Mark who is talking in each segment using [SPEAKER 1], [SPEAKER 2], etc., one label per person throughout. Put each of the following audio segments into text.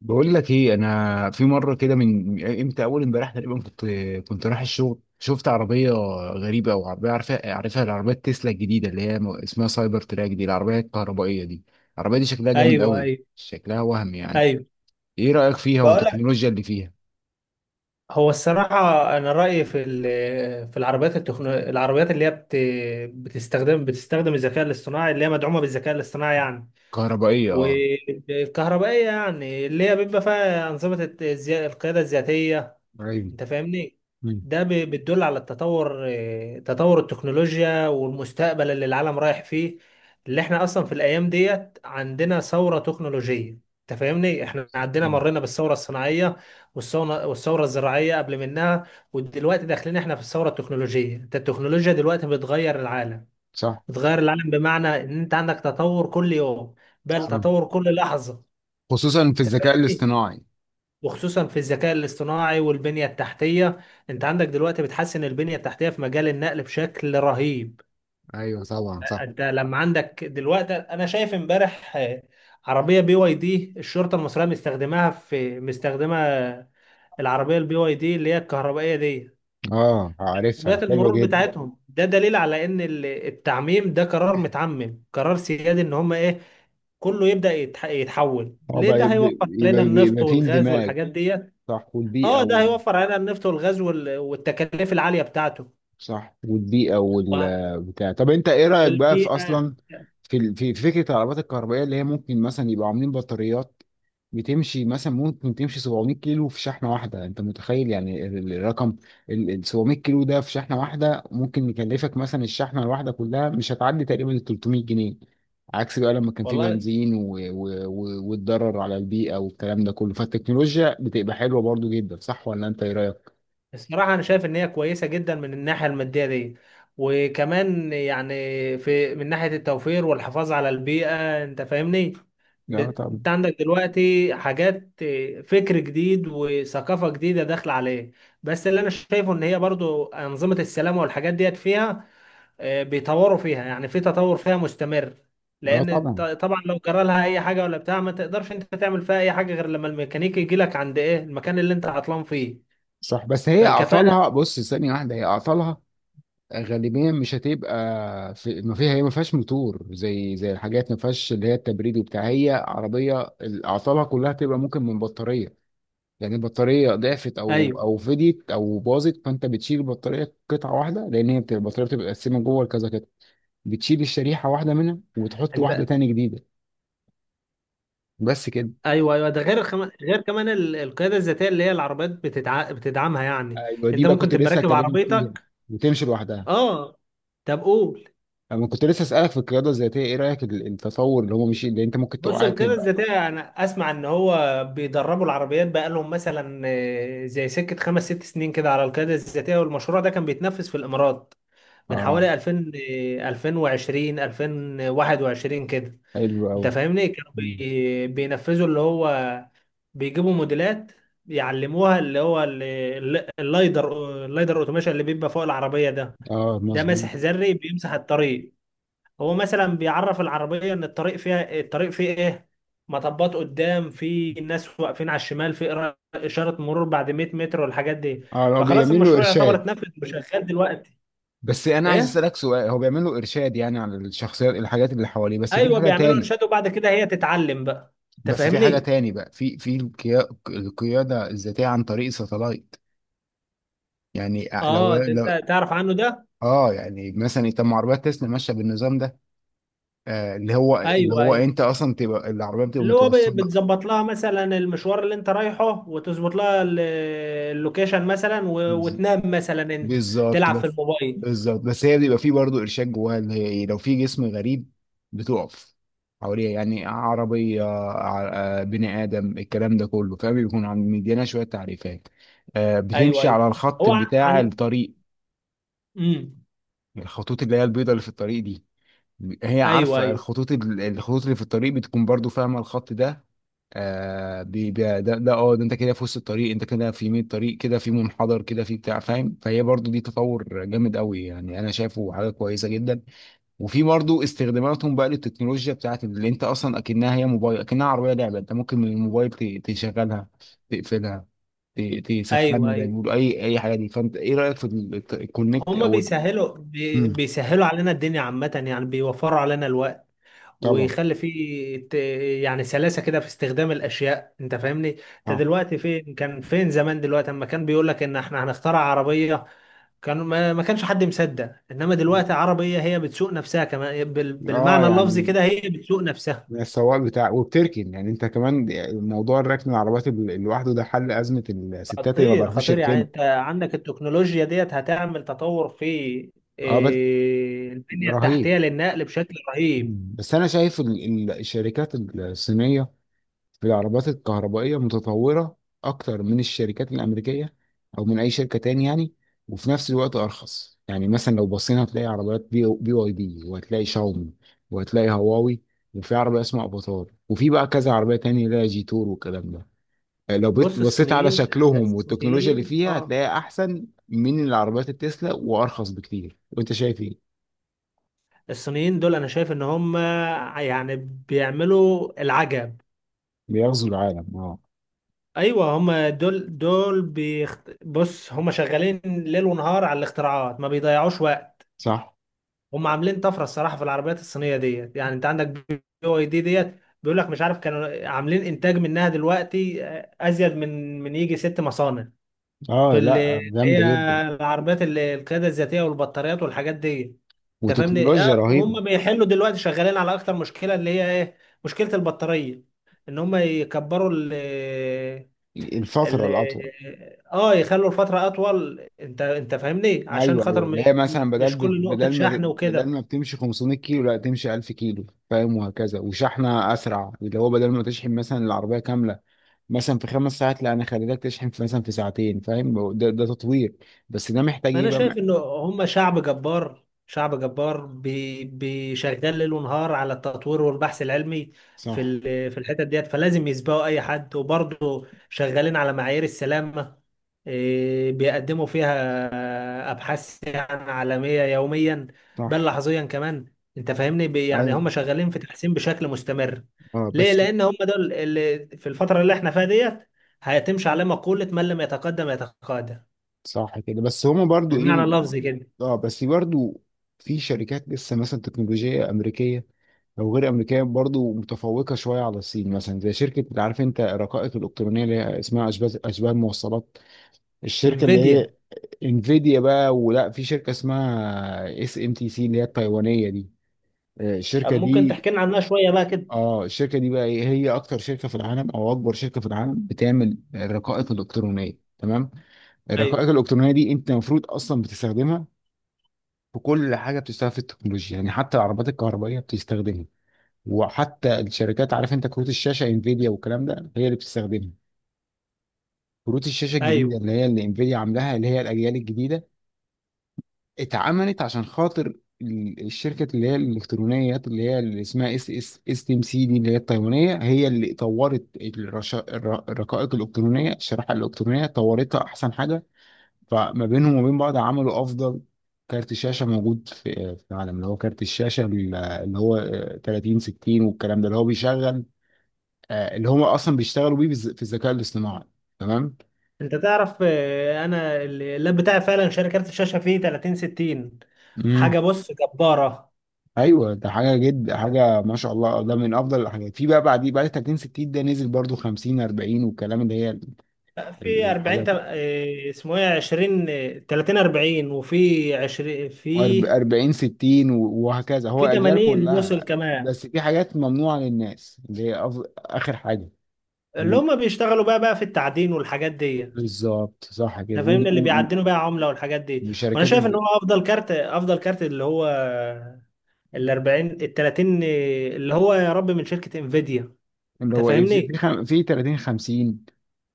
[SPEAKER 1] بقول لك ايه، انا في مره كده، من امتى؟ اول امبارح تقريبا كنت رايح الشغل. شفت عربيه غريبه، او عربيه عارفها العربيه تسلا الجديده، اللي اسمها سايبر تراك دي، العربيه الكهربائيه دي. العربيه دي شكلها جامد
[SPEAKER 2] ايوه،
[SPEAKER 1] قوي،
[SPEAKER 2] ايوه،
[SPEAKER 1] شكلها وهم يعني.
[SPEAKER 2] ايوه.
[SPEAKER 1] ايه رايك فيها
[SPEAKER 2] بقول لك.
[SPEAKER 1] والتكنولوجيا اللي فيها؟
[SPEAKER 2] هو الصراحة أنا رأيي في في العربيات العربيات اللي هي بتستخدم الذكاء الاصطناعي، اللي هي مدعومة بالذكاء الاصطناعي يعني،
[SPEAKER 1] كهربائيه، اه.
[SPEAKER 2] والكهربائية، يعني اللي هي بيبقى فيها أنظمة القيادة الذاتية.
[SPEAKER 1] ايوه.
[SPEAKER 2] انت فاهمني؟
[SPEAKER 1] مم.
[SPEAKER 2] ده بتدل على التطور، تطور التكنولوجيا والمستقبل اللي العالم رايح فيه. اللي احنا اصلا في الايام ديت عندنا ثورة تكنولوجية. انت فاهمني؟ احنا عندنا
[SPEAKER 1] مم.
[SPEAKER 2] مرينا بالثورة الصناعية، والثورة الزراعية قبل منها. ودلوقتي داخلين احنا في الثورة التكنولوجية. انت التكنولوجيا دلوقتي بتغير العالم
[SPEAKER 1] صح.
[SPEAKER 2] بتغير العالم بمعنى ان انت عندك تطور كل يوم، بل
[SPEAKER 1] صح.
[SPEAKER 2] تطور كل لحظة.
[SPEAKER 1] خصوصا في
[SPEAKER 2] انت
[SPEAKER 1] الذكاء
[SPEAKER 2] فاهمني؟
[SPEAKER 1] الاصطناعي.
[SPEAKER 2] وخصوصا في الذكاء الاصطناعي والبنية التحتية. انت عندك دلوقتي بتحسن البنية التحتية في مجال النقل بشكل رهيب.
[SPEAKER 1] ايوه طبعا، صح.
[SPEAKER 2] انت لما عندك دلوقتي انا شايف امبارح عربية بي واي دي، الشرطة المصرية مستخدماها في مستخدمة العربية البي واي دي اللي هي الكهربائية دي
[SPEAKER 1] اه، عارفها،
[SPEAKER 2] بيئة
[SPEAKER 1] حلوه
[SPEAKER 2] المرور
[SPEAKER 1] جدا.
[SPEAKER 2] بتاعتهم. ده دليل على ان التعميم ده قرار متعمم، قرار سيادي، ان هم ايه كله يبدأ يتحول
[SPEAKER 1] اه
[SPEAKER 2] ليه.
[SPEAKER 1] بقى،
[SPEAKER 2] ده هيوفر علينا النفط
[SPEAKER 1] يبقى في
[SPEAKER 2] والغاز
[SPEAKER 1] اندماج.
[SPEAKER 2] والحاجات دي.
[SPEAKER 1] صح والبيئه.
[SPEAKER 2] اه، ده هيوفر علينا النفط والغاز والتكاليف العالية بتاعته.
[SPEAKER 1] صح والبيئة
[SPEAKER 2] و-
[SPEAKER 1] والبتاع. طب انت ايه رأيك بقى في
[SPEAKER 2] والبيئة.
[SPEAKER 1] اصلا، في فكرة العربيات الكهربائية، اللي هي ممكن مثلا يبقى عاملين بطاريات بتمشي مثلا، ممكن تمشي 700 كيلو في شحنة واحدة؟ انت متخيل يعني الرقم، ال 700 كيلو ده في شحنة واحدة، ممكن يكلفك مثلا الشحنة الواحدة كلها مش هتعدي تقريبا ال 300 جنيه، عكس بقى لما كان في
[SPEAKER 2] والله،
[SPEAKER 1] بنزين، والضرر على البيئة والكلام ده كله. فالتكنولوجيا بتبقى حلوة برضو جدا، صح ولا انت ايه رأيك؟
[SPEAKER 2] الصراحة أنا شايف إن هي كويسة جدا من الناحية المادية دي، وكمان يعني في من ناحية التوفير والحفاظ على البيئة. أنت فاهمني؟
[SPEAKER 1] لا طبعا.
[SPEAKER 2] أنت عندك دلوقتي حاجات، فكر جديد وثقافة جديدة داخلة عليه. بس اللي أنا شايفه إن هي برضو أنظمة السلامة والحاجات ديت فيها بيطوروا فيها، يعني في تطور فيها مستمر.
[SPEAKER 1] اه
[SPEAKER 2] لان
[SPEAKER 1] طبعا،
[SPEAKER 2] طبعا لو جرى لها اي حاجه ولا بتاع، ما تقدرش انت تعمل فيها اي حاجه غير لما الميكانيكي يجي لك عند ايه المكان اللي انت عطلان فيه.
[SPEAKER 1] صح، بس هي
[SPEAKER 2] فالكفاءه.
[SPEAKER 1] اعطالها، بص ثانيه واحده، هي اعطالها غالبيا مش هتبقى في، ما فيها. هي ما فيهاش موتور، زي الحاجات، ما فيهاش اللي هي التبريد وبتاع. هي عربيه، اعطالها كلها تبقى ممكن من بطاريه. يعني البطاريه ضعفت، او
[SPEAKER 2] ايوه.
[SPEAKER 1] او فديت، او باظت، فانت بتشيل البطاريه قطعه واحده، لان هي البطاريه بتبقى متقسمه جوه لكذا قطعه. بتشيل الشريحه واحده منها، وتحط واحده
[SPEAKER 2] انت.
[SPEAKER 1] تاني جديده، بس كده.
[SPEAKER 2] ايوه، ايوه، ده غير غير كمان القياده الذاتيه اللي هي العربيات بتدعمها يعني.
[SPEAKER 1] ايوه، دي
[SPEAKER 2] انت
[SPEAKER 1] بقى
[SPEAKER 2] ممكن
[SPEAKER 1] كنت
[SPEAKER 2] تبقى
[SPEAKER 1] لسه
[SPEAKER 2] راكب
[SPEAKER 1] هكلمك فيها.
[SPEAKER 2] عربيتك.
[SPEAKER 1] وتمشي لوحدها.
[SPEAKER 2] اه. طب قول.
[SPEAKER 1] انا كنت لسه اسالك في القياده الذاتيه، ايه رايك التطور، اللي هو مش اللي انت ممكن
[SPEAKER 2] بص،
[SPEAKER 1] تقع
[SPEAKER 2] القيادة
[SPEAKER 1] تبقى.
[SPEAKER 2] الذاتية أنا أسمع إن هو بيدربوا العربيات بقالهم مثلا زي سكة خمس ست سنين كده على القيادة الذاتية، والمشروع ده كان بيتنفذ في الإمارات من
[SPEAKER 1] اه.
[SPEAKER 2] حوالي 2000 ل 2020 2021 كده.
[SPEAKER 1] حلو
[SPEAKER 2] انت
[SPEAKER 1] قوي.
[SPEAKER 2] فاهمني؟ كانوا بينفذوا اللي هو بيجيبوا موديلات يعلموها اللي هو اللايدر اوتوميشن اللي بيبقى فوق العربية ده.
[SPEAKER 1] اه،
[SPEAKER 2] ده
[SPEAKER 1] مظبوط.
[SPEAKER 2] ماسح ذري بيمسح الطريق. هو مثلا بيعرف العربية ان الطريق فيها، الطريق فيه ايه، مطبات قدام، في ناس واقفين على الشمال، في إشارة مرور بعد 100 متر، والحاجات دي.
[SPEAKER 1] اه، هو
[SPEAKER 2] فخلاص
[SPEAKER 1] بيعمل له
[SPEAKER 2] المشروع يعتبر
[SPEAKER 1] ارشاد.
[SPEAKER 2] اتنفذ وشغال دلوقتي.
[SPEAKER 1] بس انا عايز
[SPEAKER 2] ايه؟
[SPEAKER 1] اسالك سؤال، هو بيعمل له ارشاد يعني على الشخصيات، الحاجات اللي حواليه، بس في
[SPEAKER 2] ايوه،
[SPEAKER 1] حاجه
[SPEAKER 2] بيعملوا
[SPEAKER 1] تاني.
[SPEAKER 2] ارشاد وبعد كده هي تتعلم بقى. انت
[SPEAKER 1] بس في حاجه
[SPEAKER 2] فاهمني؟
[SPEAKER 1] تاني بقى، في القياده الذاتيه عن طريق ساتلايت. يعني لو
[SPEAKER 2] اه، ده
[SPEAKER 1] لو
[SPEAKER 2] انت تعرف عنه ده.
[SPEAKER 1] اه. يعني مثلا، طب ما عربيات تسلا ماشيه بالنظام ده. اللي هو اللي
[SPEAKER 2] ايوه،
[SPEAKER 1] هو
[SPEAKER 2] ايوه،
[SPEAKER 1] انت اصلا تبقى العربيه بتبقى
[SPEAKER 2] اللي هو
[SPEAKER 1] متوصله.
[SPEAKER 2] بتظبط لها مثلا المشوار اللي انت رايحه، وتظبط لها اللوكيشن مثلا، وتنام مثلا انت،
[SPEAKER 1] بالظبط.
[SPEAKER 2] تلعب في الموبايل.
[SPEAKER 1] بس هي بيبقى فيه برضه ارشاد جواها، اللي هي ايه؟ لو في جسم غريب بتقف حواليها. يعني عربيه بني ادم، الكلام ده كله فاهم، بيكون عم مدينا شويه تعريفات.
[SPEAKER 2] ايوه،
[SPEAKER 1] بتمشي
[SPEAKER 2] ايوه.
[SPEAKER 1] على الخط
[SPEAKER 2] هو
[SPEAKER 1] بتاع
[SPEAKER 2] عن
[SPEAKER 1] الطريق،
[SPEAKER 2] امم
[SPEAKER 1] الخطوط اللي هي البيضاء اللي في الطريق دي. هي
[SPEAKER 2] ايوه،
[SPEAKER 1] عارفة
[SPEAKER 2] ايوه،
[SPEAKER 1] الخطوط، الخطوط اللي في الطريق بتكون برضو فاهمة الخط ده. آه بي بي ده ده اه ده انت كده في وسط الطريق، انت كده في يمين الطريق، كده في منحدر، كده في بتاع، فاهم؟ فهي برضو دي تطور جامد قوي يعني، انا شايفه حاجة كويسة جدا. وفي برضو استخداماتهم بقى للتكنولوجيا بتاعت، اللي انت اصلا اكنها هي موبايل، اكنها عربية لعبة. انت ممكن من الموبال تشغلها، تقفلها،
[SPEAKER 2] ايوه،
[SPEAKER 1] تسخنها، ده
[SPEAKER 2] ايوه،
[SPEAKER 1] يقول اي حاجة دي. فانت ايه رأيك في الكونكت،
[SPEAKER 2] هما
[SPEAKER 1] او
[SPEAKER 2] بيسهلوا بي-
[SPEAKER 1] امم
[SPEAKER 2] بيسهلوا علينا الدنيا عامة، يعني بيوفروا علينا الوقت،
[SPEAKER 1] طبعا؟
[SPEAKER 2] ويخلي فيه يعني سلاسة كده في استخدام الأشياء. أنت فاهمني؟ أنت
[SPEAKER 1] اه.
[SPEAKER 2] دلوقتي فين، كان فين زمان؟ دلوقتي أما كان بيقول لك إن إحنا هنخترع عربية، كان ما كانش حد مصدق. إنما دلوقتي عربية هي بتسوق نفسها، كمان بالمعنى اللفظي
[SPEAKER 1] يعني
[SPEAKER 2] كده، هي بتسوق نفسها.
[SPEAKER 1] من السواق بتاع، وبتركن، يعني انت كمان موضوع الركن العربيات لوحده، ده حل ازمه الستات اللي ما
[SPEAKER 2] خطير،
[SPEAKER 1] بيعرفوش
[SPEAKER 2] خطير، يعني
[SPEAKER 1] يركنوا.
[SPEAKER 2] أنت عندك التكنولوجيا ديت هتعمل تطور في
[SPEAKER 1] اه، بس
[SPEAKER 2] إيه، البنية
[SPEAKER 1] رهيب.
[SPEAKER 2] التحتية للنقل بشكل رهيب.
[SPEAKER 1] مم. بس انا شايف الشركات الصينيه في العربيات الكهربائيه متطوره اكتر من الشركات الامريكيه، او من اي شركه تاني يعني. وفي نفس الوقت ارخص. يعني مثلا لو بصينا هتلاقي عربيات بي واي دي، وهتلاقي شاومي، وهتلاقي هواوي، وفي عربيه اسمها افاتار، وفي بقى كذا عربيه تانية اللي هي جي تور والكلام ده. لو
[SPEAKER 2] بص
[SPEAKER 1] بصيت على
[SPEAKER 2] الصينيين،
[SPEAKER 1] شكلهم والتكنولوجيا اللي
[SPEAKER 2] الصينيين،
[SPEAKER 1] فيها،
[SPEAKER 2] اه
[SPEAKER 1] هتلاقيها احسن من العربيات التسلا وارخص بكتير. وانت شايف ايه؟
[SPEAKER 2] الصينيين دول انا شايف ان هم يعني بيعملوا العجب.
[SPEAKER 1] بيغزو العالم، اه.
[SPEAKER 2] ايوه، هم دول بص هم شغالين ليل ونهار على الاختراعات، ما بيضيعوش وقت.
[SPEAKER 1] صح.
[SPEAKER 2] هم عاملين طفره، الصراحه، في العربيات الصينيه ديت. يعني انت عندك بي او اي دي ديت بيقول لك مش عارف كانوا عاملين انتاج منها دلوقتي ازيد من يجي ست مصانع في
[SPEAKER 1] اه، لا
[SPEAKER 2] اللي هي
[SPEAKER 1] جامده جدا.
[SPEAKER 2] العربيات، اللي القياده الذاتيه والبطاريات والحاجات دي. انت فاهمني؟
[SPEAKER 1] وتكنولوجيا
[SPEAKER 2] اه،
[SPEAKER 1] رهيبه.
[SPEAKER 2] وهم بيحلوا دلوقتي شغالين على اكتر مشكله، اللي هي ايه، مشكله البطاريه، ان هم يكبروا ال
[SPEAKER 1] الفتره
[SPEAKER 2] ال
[SPEAKER 1] الاطول.
[SPEAKER 2] اه يخلوا الفتره اطول. انت فاهمني؟ عشان
[SPEAKER 1] ايوه،
[SPEAKER 2] خاطر
[SPEAKER 1] ايوه. اللي هي مثلا،
[SPEAKER 2] مش كل نقطه شحن
[SPEAKER 1] بدل
[SPEAKER 2] وكده.
[SPEAKER 1] ما بتمشي 500 كيلو، لا تمشي 1000 كيلو، فاهم؟ وهكذا. وشحنه اسرع، اللي هو بدل ما تشحن مثلا العربيه كامله مثلا في 5 ساعات، لا انا خليتك تشحن في مثلا في ساعتين، فاهم؟ ده تطوير. بس ده محتاج ايه
[SPEAKER 2] انا
[SPEAKER 1] بقى؟
[SPEAKER 2] شايف انه هم شعب جبار، شعب جبار، شغال ليل ونهار على التطوير والبحث العلمي في
[SPEAKER 1] صح.
[SPEAKER 2] في الحتت ديت. فلازم يسبقوا اي حد، وبرضه شغالين على معايير السلامة، إيه، بيقدموا فيها ابحاث يعني عالمية يوميا، بل
[SPEAKER 1] صح.
[SPEAKER 2] لحظيا كمان. انت فاهمني؟ يعني هم
[SPEAKER 1] ايوه.
[SPEAKER 2] شغالين في تحسين بشكل مستمر،
[SPEAKER 1] اه
[SPEAKER 2] ليه؟
[SPEAKER 1] بس.
[SPEAKER 2] لان هم دول اللي في الفترة اللي احنا فيها ديت هيتمشي على مقولة من لم يتقدم يتقادم،
[SPEAKER 1] صح كده، بس هما برضو ايه.
[SPEAKER 2] بالمعنى اللفظي كده.
[SPEAKER 1] اه، بس برضو في شركات لسه مثلا تكنولوجية أمريكية، أو غير أمريكية، برضو متفوقة شوية على الصين. مثلا زي شركة، عارف أنت الرقائق الإلكترونية اللي هي اسمها أشباه الموصلات، الشركة اللي هي
[SPEAKER 2] انفيديا.
[SPEAKER 1] انفيديا بقى، ولا في شركة اسمها SMTC اللي هي التايوانية دي.
[SPEAKER 2] طب
[SPEAKER 1] الشركة
[SPEAKER 2] ممكن
[SPEAKER 1] دي،
[SPEAKER 2] تحكي لنا عنها شويه بقى كده؟
[SPEAKER 1] اه، الشركة دي بقى إيه؟ هي أكتر شركة في العالم، أو أكبر شركة في العالم بتعمل الرقائق الإلكترونية، تمام؟
[SPEAKER 2] ايوه،
[SPEAKER 1] الرقائق الالكترونيه دي انت المفروض اصلا بتستخدمها في كل حاجه بتشتغل في التكنولوجيا، يعني حتى العربات الكهربائيه بتستخدمها. وحتى الشركات، عارف انت كروت الشاشه انفيديا والكلام ده، هي اللي بتستخدمها. كروت الشاشه الجديده
[SPEAKER 2] ايوه.
[SPEAKER 1] اللي هي اللي انفيديا عاملاها، اللي هي الاجيال الجديده، اتعملت عشان خاطر الشركه اللي هي الالكترونيات، اللي هي اللي اسمها اس تي ام سي دي، اللي هي التايوانيه، هي اللي طورت الرقائق الالكترونيه، الشريحه الالكترونيه، طورتها احسن حاجه. فما بينهم وبين بعض عملوا افضل كارت شاشه موجود في العالم، اللي هو كارت الشاشه، اللي هو 30 60 والكلام ده، اللي هو بيشغل، اللي هم اصلا بيشتغلوا بيه، في الذكاء الاصطناعي، تمام.
[SPEAKER 2] انت تعرف انا اللاب بتاعي فعلا شاري كارت الشاشه فيه 30 60.
[SPEAKER 1] امم
[SPEAKER 2] حاجه، بص، جباره.
[SPEAKER 1] ايوه، ده حاجه، حاجه ما شاء الله، ده من افضل الحاجات. في بقى بعديه، بعد 30 60 ده نزل برضو 50 40 والكلام، اللي هي
[SPEAKER 2] في 40
[SPEAKER 1] الحاجات.
[SPEAKER 2] اسمه ايه، 20 30 40، وفي 20 في،
[SPEAKER 1] 40 60 وهكذا، هو
[SPEAKER 2] في
[SPEAKER 1] اجيال
[SPEAKER 2] 80 وصل
[SPEAKER 1] كلها.
[SPEAKER 2] كمان.
[SPEAKER 1] بس في حاجات ممنوعه للناس، اللي هي اخر حاجه.
[SPEAKER 2] اللي هم بيشتغلوا بقى في التعدين والحاجات دي.
[SPEAKER 1] بالظبط، صح كده،
[SPEAKER 2] انت فاهمني؟ اللي بيعدنوا بقى عمله والحاجات دي، وانا
[SPEAKER 1] وشركات
[SPEAKER 2] شايف ان هو افضل كارت، افضل كارت، اللي هو ال 40 ال 30 اللي هو يا رب، من شركة انفيديا.
[SPEAKER 1] اللي
[SPEAKER 2] انت
[SPEAKER 1] هو ايه، في
[SPEAKER 2] فاهمني؟
[SPEAKER 1] في خم- في 30 50،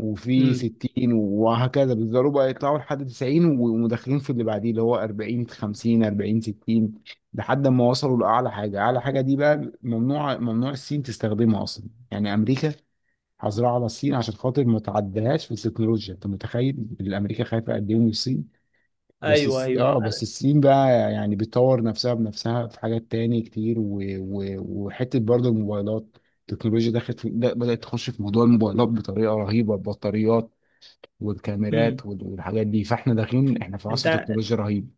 [SPEAKER 1] وفي
[SPEAKER 2] امم
[SPEAKER 1] 60 وهكذا، بيفضلوا بقى يطلعوا لحد 90، ومدخلين في اللي بعديه، اللي هو 40 50 40 60، لحد ما وصلوا لاعلى حاجه. اعلى حاجه دي بقى ممنوع، ممنوع الصين تستخدمها اصلا. يعني امريكا حظرها على الصين عشان خاطر ما تعديهاش في التكنولوجيا. انت متخيل الامريكا خايفه قد ايه من الصين؟ بس
[SPEAKER 2] ايوه، ايوه،
[SPEAKER 1] الصين بقى يعني بتطور نفسها بنفسها في حاجات تاني كتير، وحتة برضو الموبايلات. التكنولوجيا دخلت بدأت تخش في موضوع الموبايلات بطريقة رهيبة. البطاريات والكاميرات
[SPEAKER 2] امم
[SPEAKER 1] والحاجات دي، فاحنا داخلين احنا في
[SPEAKER 2] انت
[SPEAKER 1] عصر تكنولوجيا رهيب.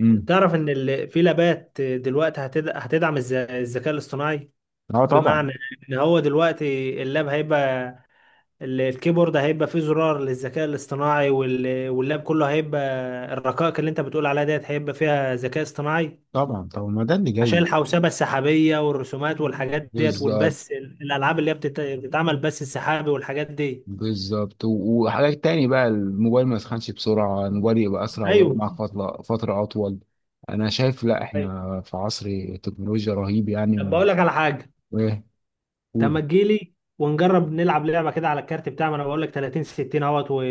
[SPEAKER 1] امم
[SPEAKER 2] تعرف ان في لابات دلوقتي هتدعم الذكاء الاصطناعي،
[SPEAKER 1] اه طبعا.
[SPEAKER 2] بمعنى ان هو دلوقتي اللاب هيبقى الكيبورد هيبقى فيه زرار للذكاء الاصطناعي، واللاب كله هيبقى الرقائق اللي انت بتقول عليها ديت هيبقى فيها ذكاء اصطناعي،
[SPEAKER 1] طبعا، طبعا، ما ده اللي
[SPEAKER 2] عشان
[SPEAKER 1] جاي.
[SPEAKER 2] الحوسبة السحابية والرسومات والحاجات ديت
[SPEAKER 1] بالظبط.
[SPEAKER 2] والبث، الألعاب اللي هي بتتعمل بث السحابي والحاجات دي.
[SPEAKER 1] بالظبط وحاجات تاني بقى، الموبايل ما يسخنش بسرعة، الموبايل يبقى أسرع ويقعد
[SPEAKER 2] ايوه.
[SPEAKER 1] معاك فترة أطول. أنا شايف لا،
[SPEAKER 2] طيب.
[SPEAKER 1] إحنا في عصر تكنولوجيا رهيب
[SPEAKER 2] طب
[SPEAKER 1] يعني.
[SPEAKER 2] بقول لك على حاجه.
[SPEAKER 1] ايه؟
[SPEAKER 2] طب ما
[SPEAKER 1] قولي.
[SPEAKER 2] تجيلي ونجرب نلعب لعبه كده على الكارت بتاع، ما انا بقول لك 30 60 اهوت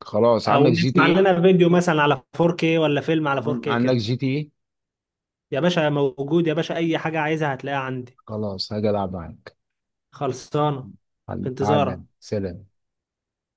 [SPEAKER 1] خلاص، عندك
[SPEAKER 2] او
[SPEAKER 1] جي تي
[SPEAKER 2] نسمع
[SPEAKER 1] ايه
[SPEAKER 2] لنا فيديو مثلا على 4K، ولا فيلم على 4K
[SPEAKER 1] عندك
[SPEAKER 2] كده.
[SPEAKER 1] جي تي ايه.
[SPEAKER 2] يا باشا موجود، يا باشا، اي حاجه عايزها هتلاقيها عندي.
[SPEAKER 1] خلاص، هاجي العب معاك.
[SPEAKER 2] خلصانه. في
[SPEAKER 1] تعال،
[SPEAKER 2] انتظارك.
[SPEAKER 1] سلام.